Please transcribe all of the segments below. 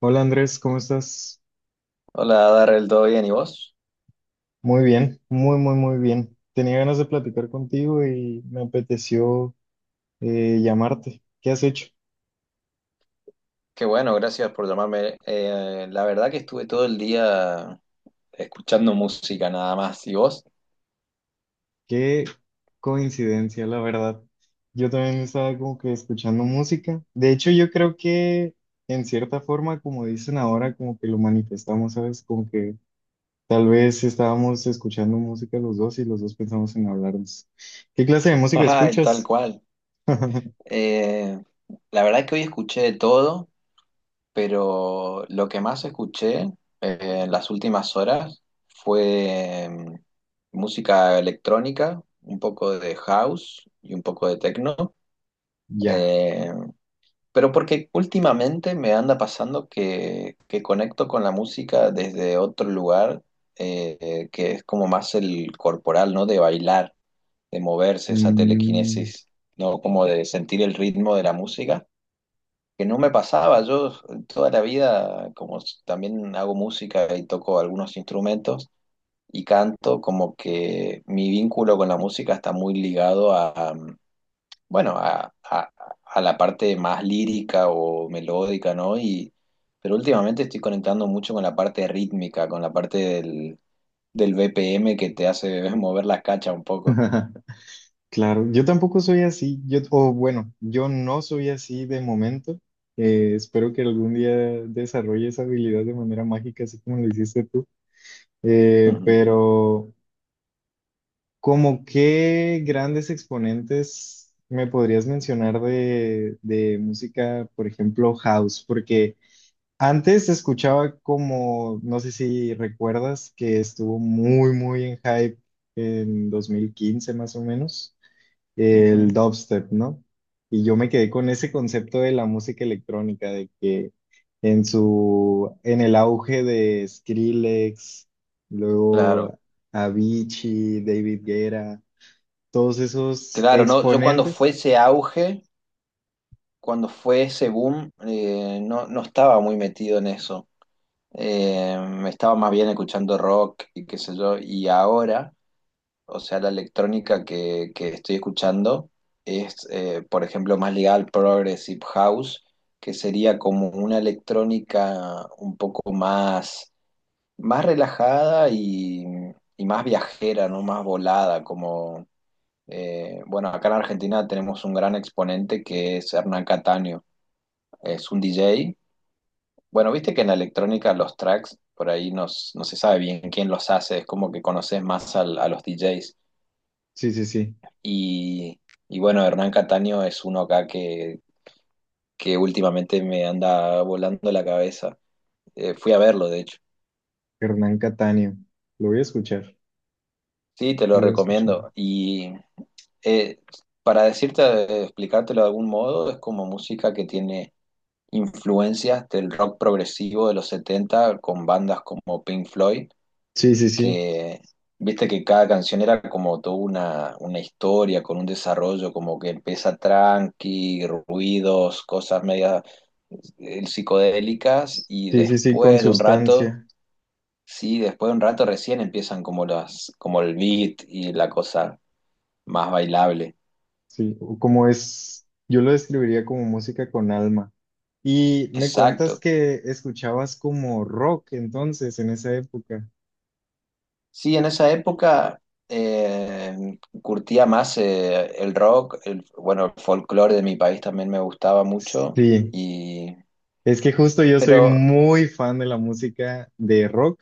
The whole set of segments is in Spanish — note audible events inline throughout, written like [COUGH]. Hola, Andrés, ¿cómo estás? Hola, Darrell, ¿todo bien? ¿Y vos? Muy bien, muy, muy, muy bien. Tenía ganas de platicar contigo y me apeteció llamarte. ¿Qué has hecho? Qué bueno, gracias por llamarme. La verdad que estuve todo el día escuchando música nada más. ¿Y vos? Qué coincidencia, la verdad. Yo también estaba como que escuchando música. De hecho, yo creo que en cierta forma, como dicen ahora, como que lo manifestamos, ¿sabes? Como que tal vez estábamos escuchando música los dos y los dos pensamos en hablarnos. ¿Qué clase de [LAUGHS] música Ay, tal escuchas? cual. [LAUGHS] Eh, la verdad que hoy escuché de todo, pero lo que más escuché eh, en las últimas horas fue música electrónica, un poco de house y un poco de techno. Ya. Eh, Pero porque últimamente me anda pasando que conecto con la música desde otro lugar, que es como más el corporal, ¿no? De bailar, de moverse, esa Mm. telequinesis, ¿no? Como de sentir el ritmo de la música, que no me pasaba. Yo toda la vida, como también hago música y toco algunos instrumentos y canto, como que mi vínculo con la música está muy ligado a bueno, a la parte más lírica o melódica, ¿no? Pero últimamente estoy conectando mucho con la parte rítmica, con la parte del BPM que te hace [LAUGHS] mover la cacha un poco. Claro, yo tampoco soy así, yo, o bueno, yo no soy así de momento. Espero que algún día desarrolle esa habilidad de manera mágica, así como lo hiciste tú. [LAUGHS] Eh, Ujú, pero, ¿Como qué grandes exponentes me podrías mencionar de música, por ejemplo, house? Porque antes escuchaba como, no sé si recuerdas, que estuvo muy, muy en hype en 2015 más o menos el ujú. dubstep, ¿no? Y yo me quedé con ese concepto de la música electrónica, de que en su, en el auge de Skrillex, Claro, luego Avicii, David Guerra, todos esos claro, no, yo cuando fue exponentes. ese auge, cuando fue ese boom, no, no estaba muy metido en eso. Eh, Estaba más bien escuchando rock y qué sé yo, y ahora. O sea, la electrónica que estoy escuchando es, por ejemplo, más ligada al Progressive House, que sería como una electrónica un poco más relajada y más viajera, ¿no? Más volada, como, bueno, acá en Argentina tenemos un gran exponente que es Hernán Cataño, es un DJ. Bueno, viste que en la electrónica los tracks, por ahí no, no se sabe bien quién los hace, es como que conoces más al- a los DJs. Sí, sí, sí. Y, y bueno, Hernán Cataño es uno acá que últimamente me anda volando la cabeza. Fui a verlo, de hecho. Hernán Cataño. Lo voy a escuchar, Sí, te lo lo voy a escuchar. recomiendo. Y eh, para decirte, explicártelo de algún modo, es como música que tiene influencias del rock progresivo de los 70 con bandas como Pink Floyd, Sí, sí, sí, que viste que cada canción era como toda una historia con un desarrollo, como que empieza tranqui, ruidos, cosas medias psicodélicas y sí, sí, sí, con después de un rato, sustancia. sí, después de un rato recién empiezan como el beat y la cosa más bailable. Sí, o como es, yo lo describiría como música con alma. Y me cuentas Exacto. que escuchabas como rock entonces en esa época. Sí, en esa época curtía más el rock, bueno, el folclore de mi país también me gustaba mucho. Sí, y es que justo yo soy pero muy fan de la música de rock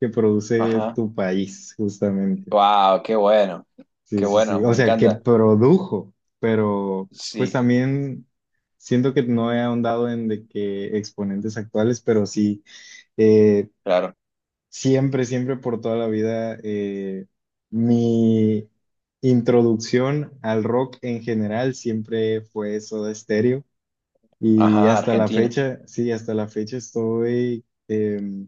que produce ajá, tu país, justamente. wow, qué bueno. Sí, Qué sí, sí. bueno, O me sea, que encanta. produjo, pero pues Sí, también siento que no he ahondado en de que exponentes actuales, pero sí. eh, claro. Siempre, siempre por toda la vida, mi introducción al rock en general siempre fue Soda Stereo y Ajá, hasta la Argentina. fecha, sí, hasta la fecha estoy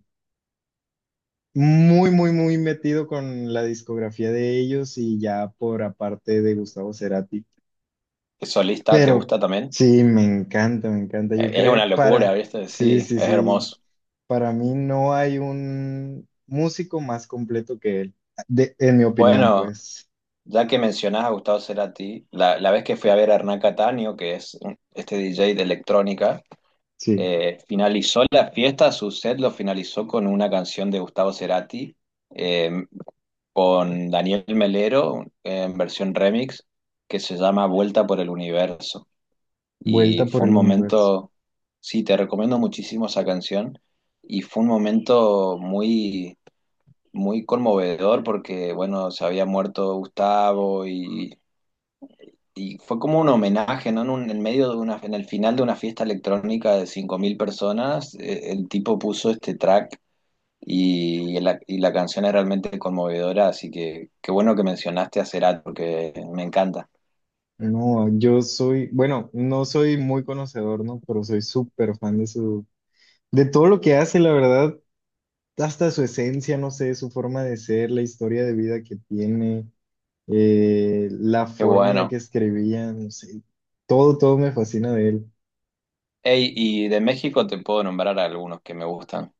muy, muy, muy metido con la discografía de ellos y ya por aparte de Gustavo Cerati. ¿Solista te Pero gusta también? sí, me encanta, yo Es una creo, para, locura, ¿viste? sí, Sí, sí, es sí. hermoso. Para mí no hay un músico más completo que él, en mi opinión, Bueno, pues. ya que mencionás a Gustavo Cerati, la vez que fui a ver a Hernán Cataño, que es este DJ de electrónica, Sí, finalizó la fiesta, su set lo finalizó con una canción de Gustavo Cerati, eh, con Daniel Melero, en versión remix, que se llama Vuelta por el Universo. Y vuelta por fue un el universo. momento, sí, te recomiendo muchísimo esa canción, y fue un momento muy muy conmovedor porque, bueno, se había muerto Gustavo y fue como un homenaje, ¿no? En medio de en el final de una fiesta electrónica de 5.000 personas, el tipo puso este track y la canción es realmente conmovedora, así que qué bueno que mencionaste a Cerati porque me encanta. No, yo soy, bueno, no soy muy conocedor, ¿no? Pero soy súper fan de su, de todo lo que hace, la verdad, hasta su esencia, no sé, su forma de ser, la historia de vida que tiene, la Qué forma en la bueno. que escribía, no sé, todo, todo me fascina de él, Ey, y de México te puedo nombrar algunos que me gustan.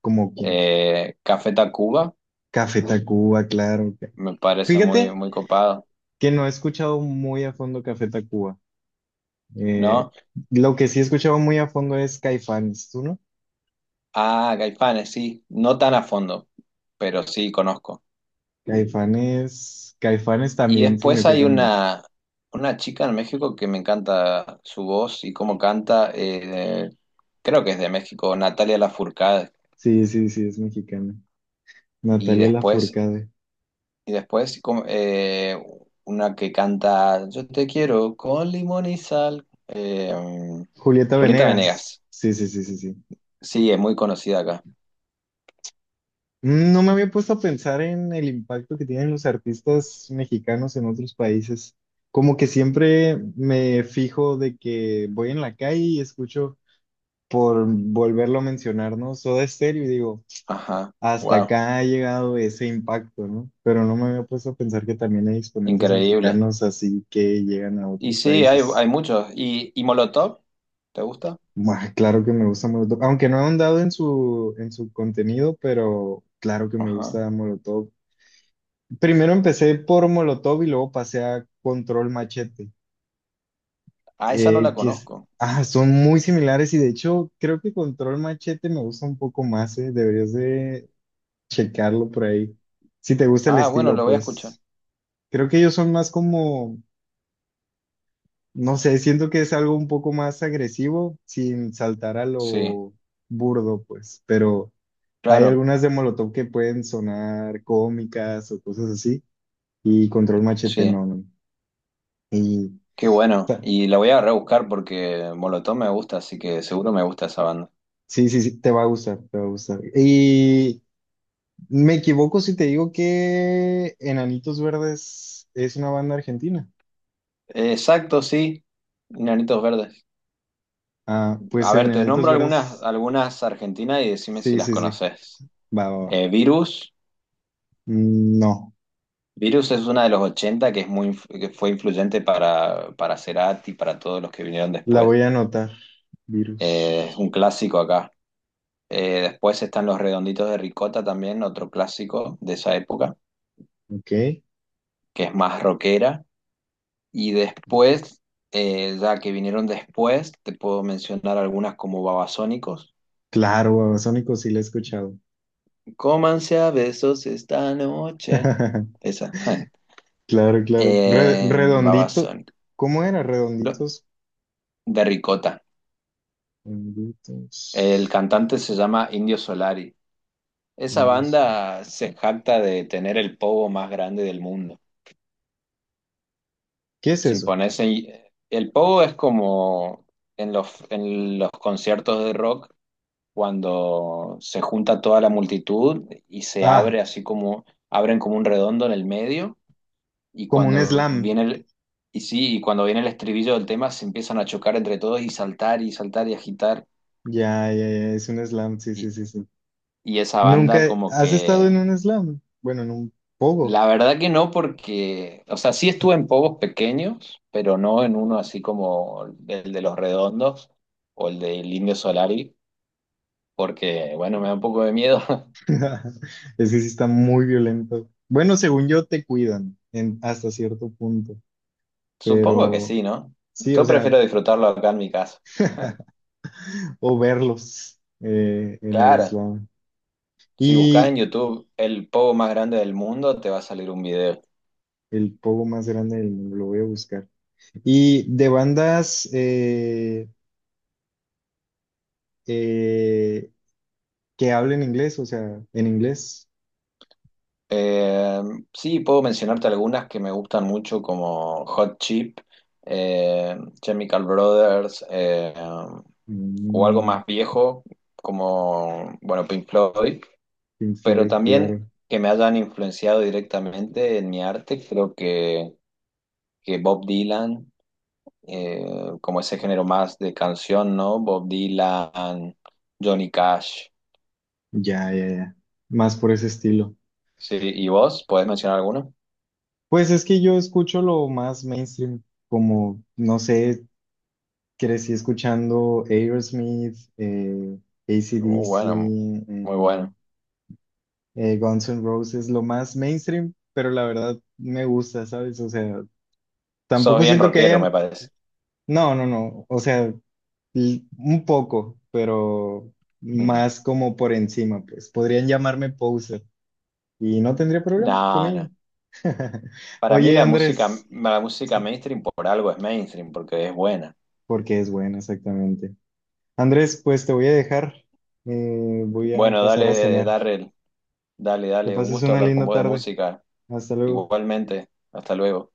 como quien, Café Tacuba, Café Tacuba, claro. me parece muy, Fíjate muy copado, que no he escuchado muy a fondo Café Tacuba. Eh, ¿no? lo que sí he escuchado muy a fondo es Caifanes, ¿tú no? Ah, Caifanes, sí, no tan a fondo, pero sí conozco. Caifanes, Caifanes Y también después hay significa mucho. una chica en México que me encanta su voz y cómo canta, creo que es de México, Natalia Lafourcade. Sí, sí, sí, es mexicana. Y Natalia después, Lafourcade. y después como, una que canta Yo te quiero con limón y sal, Julieta Julieta Venegas. Venegas. Sí, sí, sí, sí, sí. Sí, es muy conocida acá. Mm. No me había puesto a pensar en el impacto que tienen los artistas mexicanos en otros países. Como que siempre me fijo de que voy en la calle y escucho, por volverlo a mencionar, ¿no? Soda Stereo y digo, Ajá, hasta wow, acá ha llegado ese impacto, ¿no? Pero no me había puesto a pensar que también hay exponentes increíble. mexicanos así que llegan a Y otros sí, hay, países. hay muchos. ¿Y Molotov? ¿Te gusta? Buah, claro que me gusta Molotov, aunque no he ahondado en su contenido, pero claro que me Ajá. gusta Molotov. Primero empecé por Molotov y luego pasé a Control Machete, Ah, esa no la sí. Conozco. Ah, son muy similares y de hecho creo que Control Machete me gusta un poco más. Deberías de checarlo por ahí. Si te gusta el Ah, bueno, estilo, la voy a escuchar. pues... Creo que ellos son más como, no sé, siento que es algo un poco más agresivo sin saltar a Sí, lo burdo, pues, pero hay claro, algunas de Molotov que pueden sonar cómicas o cosas así, y Control Machete sí. no, no. Y Qué bueno. ta- Y la voy a rebuscar porque Molotov me gusta, así que seguro me gusta esa banda. sí, sí, sí, te va a gustar, te va a gustar. Y me equivoco si te digo que Enanitos Verdes es una banda argentina. Exacto, sí. Enanitos Verdes. Ah, A pues ver, te Enanitos nombro algunas, Verdes, algunas argentinas y decime si sí, las sí, sí, conoces. va, va, va. Virus. Mm. No. Virus es una de los 80 que, es muy, que fue influyente para Cerati, para todos los que vinieron La después. voy a anotar. Es Virus. un clásico acá. Después están los Redonditos de Ricota también, otro clásico de esa época, Ok. que es más rockera. Y después, ya que vinieron después, te puedo mencionar algunas como Babasónicos. Claro, Babasónicos sí la he escuchado. Cómanse a besos esta noche. [LAUGHS] Esa. [LAUGHS] Claro, claro. Eh, Redondito. Babasónicos. ¿Cómo era? Lo- Redonditos. De Ricota. El Redonditos. cantante se llama Indio Solari. Esa Virus. banda se jacta de tener el pogo más grande del mundo. ¿Qué es Si eso? pones ahí- el pogo es como en en los conciertos de rock, cuando se junta toda la multitud y se Ah, abre así como, abren como un redondo en el medio, y como un cuando slam. viene el, y sí, y cuando viene el estribillo del tema se empiezan a chocar entre todos y saltar y saltar y agitar, Ya, ya, ya, es un slam. Sí, sí, y, sí, sí. y esa Nunca. banda como ¿Has estado en que. un slam? Bueno, en un pogo. La verdad que no, porque, o sea, sí estuve en pogos pequeños, pero no en uno así como el de Los Redondos o el del Indio Solari, porque, bueno, me da un poco de miedo. [LAUGHS] [LAUGHS] Es que sí está muy violento. Bueno, según yo, te cuidan en, hasta cierto punto. Supongo que Pero sí, ¿no? sí, o Yo sea. prefiero disfrutarlo acá en mi casa. [LAUGHS] [LAUGHS] O verlos en el Claro, slam. si buscas en Y YouTube el pogo más grande del mundo, te va a salir un video. el pogo más grande del mundo, lo voy a buscar. Y de bandas eh, que hablen inglés, o sea, en inglés. Eh, sí, puedo mencionarte algunas que me gustan mucho, como Hot Chip, Chemical Brothers. O algo Mm. más viejo, como, bueno, Pink Floyd, Pink pero Floyd, también claro. que me hayan influenciado directamente en mi arte, creo que Bob Dylan, eh, como ese género más de canción, ¿no? Bob Dylan, Johnny Cash, Ya, ya, ya. Más por ese estilo. sí, ¿y vos? ¿Podés mencionar alguno? Pues es que yo escucho lo más mainstream, como, no sé, crecí escuchando Aerosmith, AC/DC, Bueno, muy eh, bueno. Guns N' Roses, lo más mainstream, pero la verdad me gusta, ¿sabes? O sea, Sos tampoco bien siento que rockero, me haya, parece. no, no, no, o sea, un poco, pero Ujú. más como por encima, pues podrían llamarme poser y no tendría problema con No, no. ello. [LAUGHS] Para mí Oye, Andrés, la música sí, mainstream por algo es mainstream, porque es buena. porque es buena, exactamente. Andrés, pues te voy a dejar, voy a Bueno, pasar a dale, cenar. Darrell. Dale, Que dale, un pases gusto una hablar con linda vos de tarde. música. Hasta luego. Igualmente, hasta luego.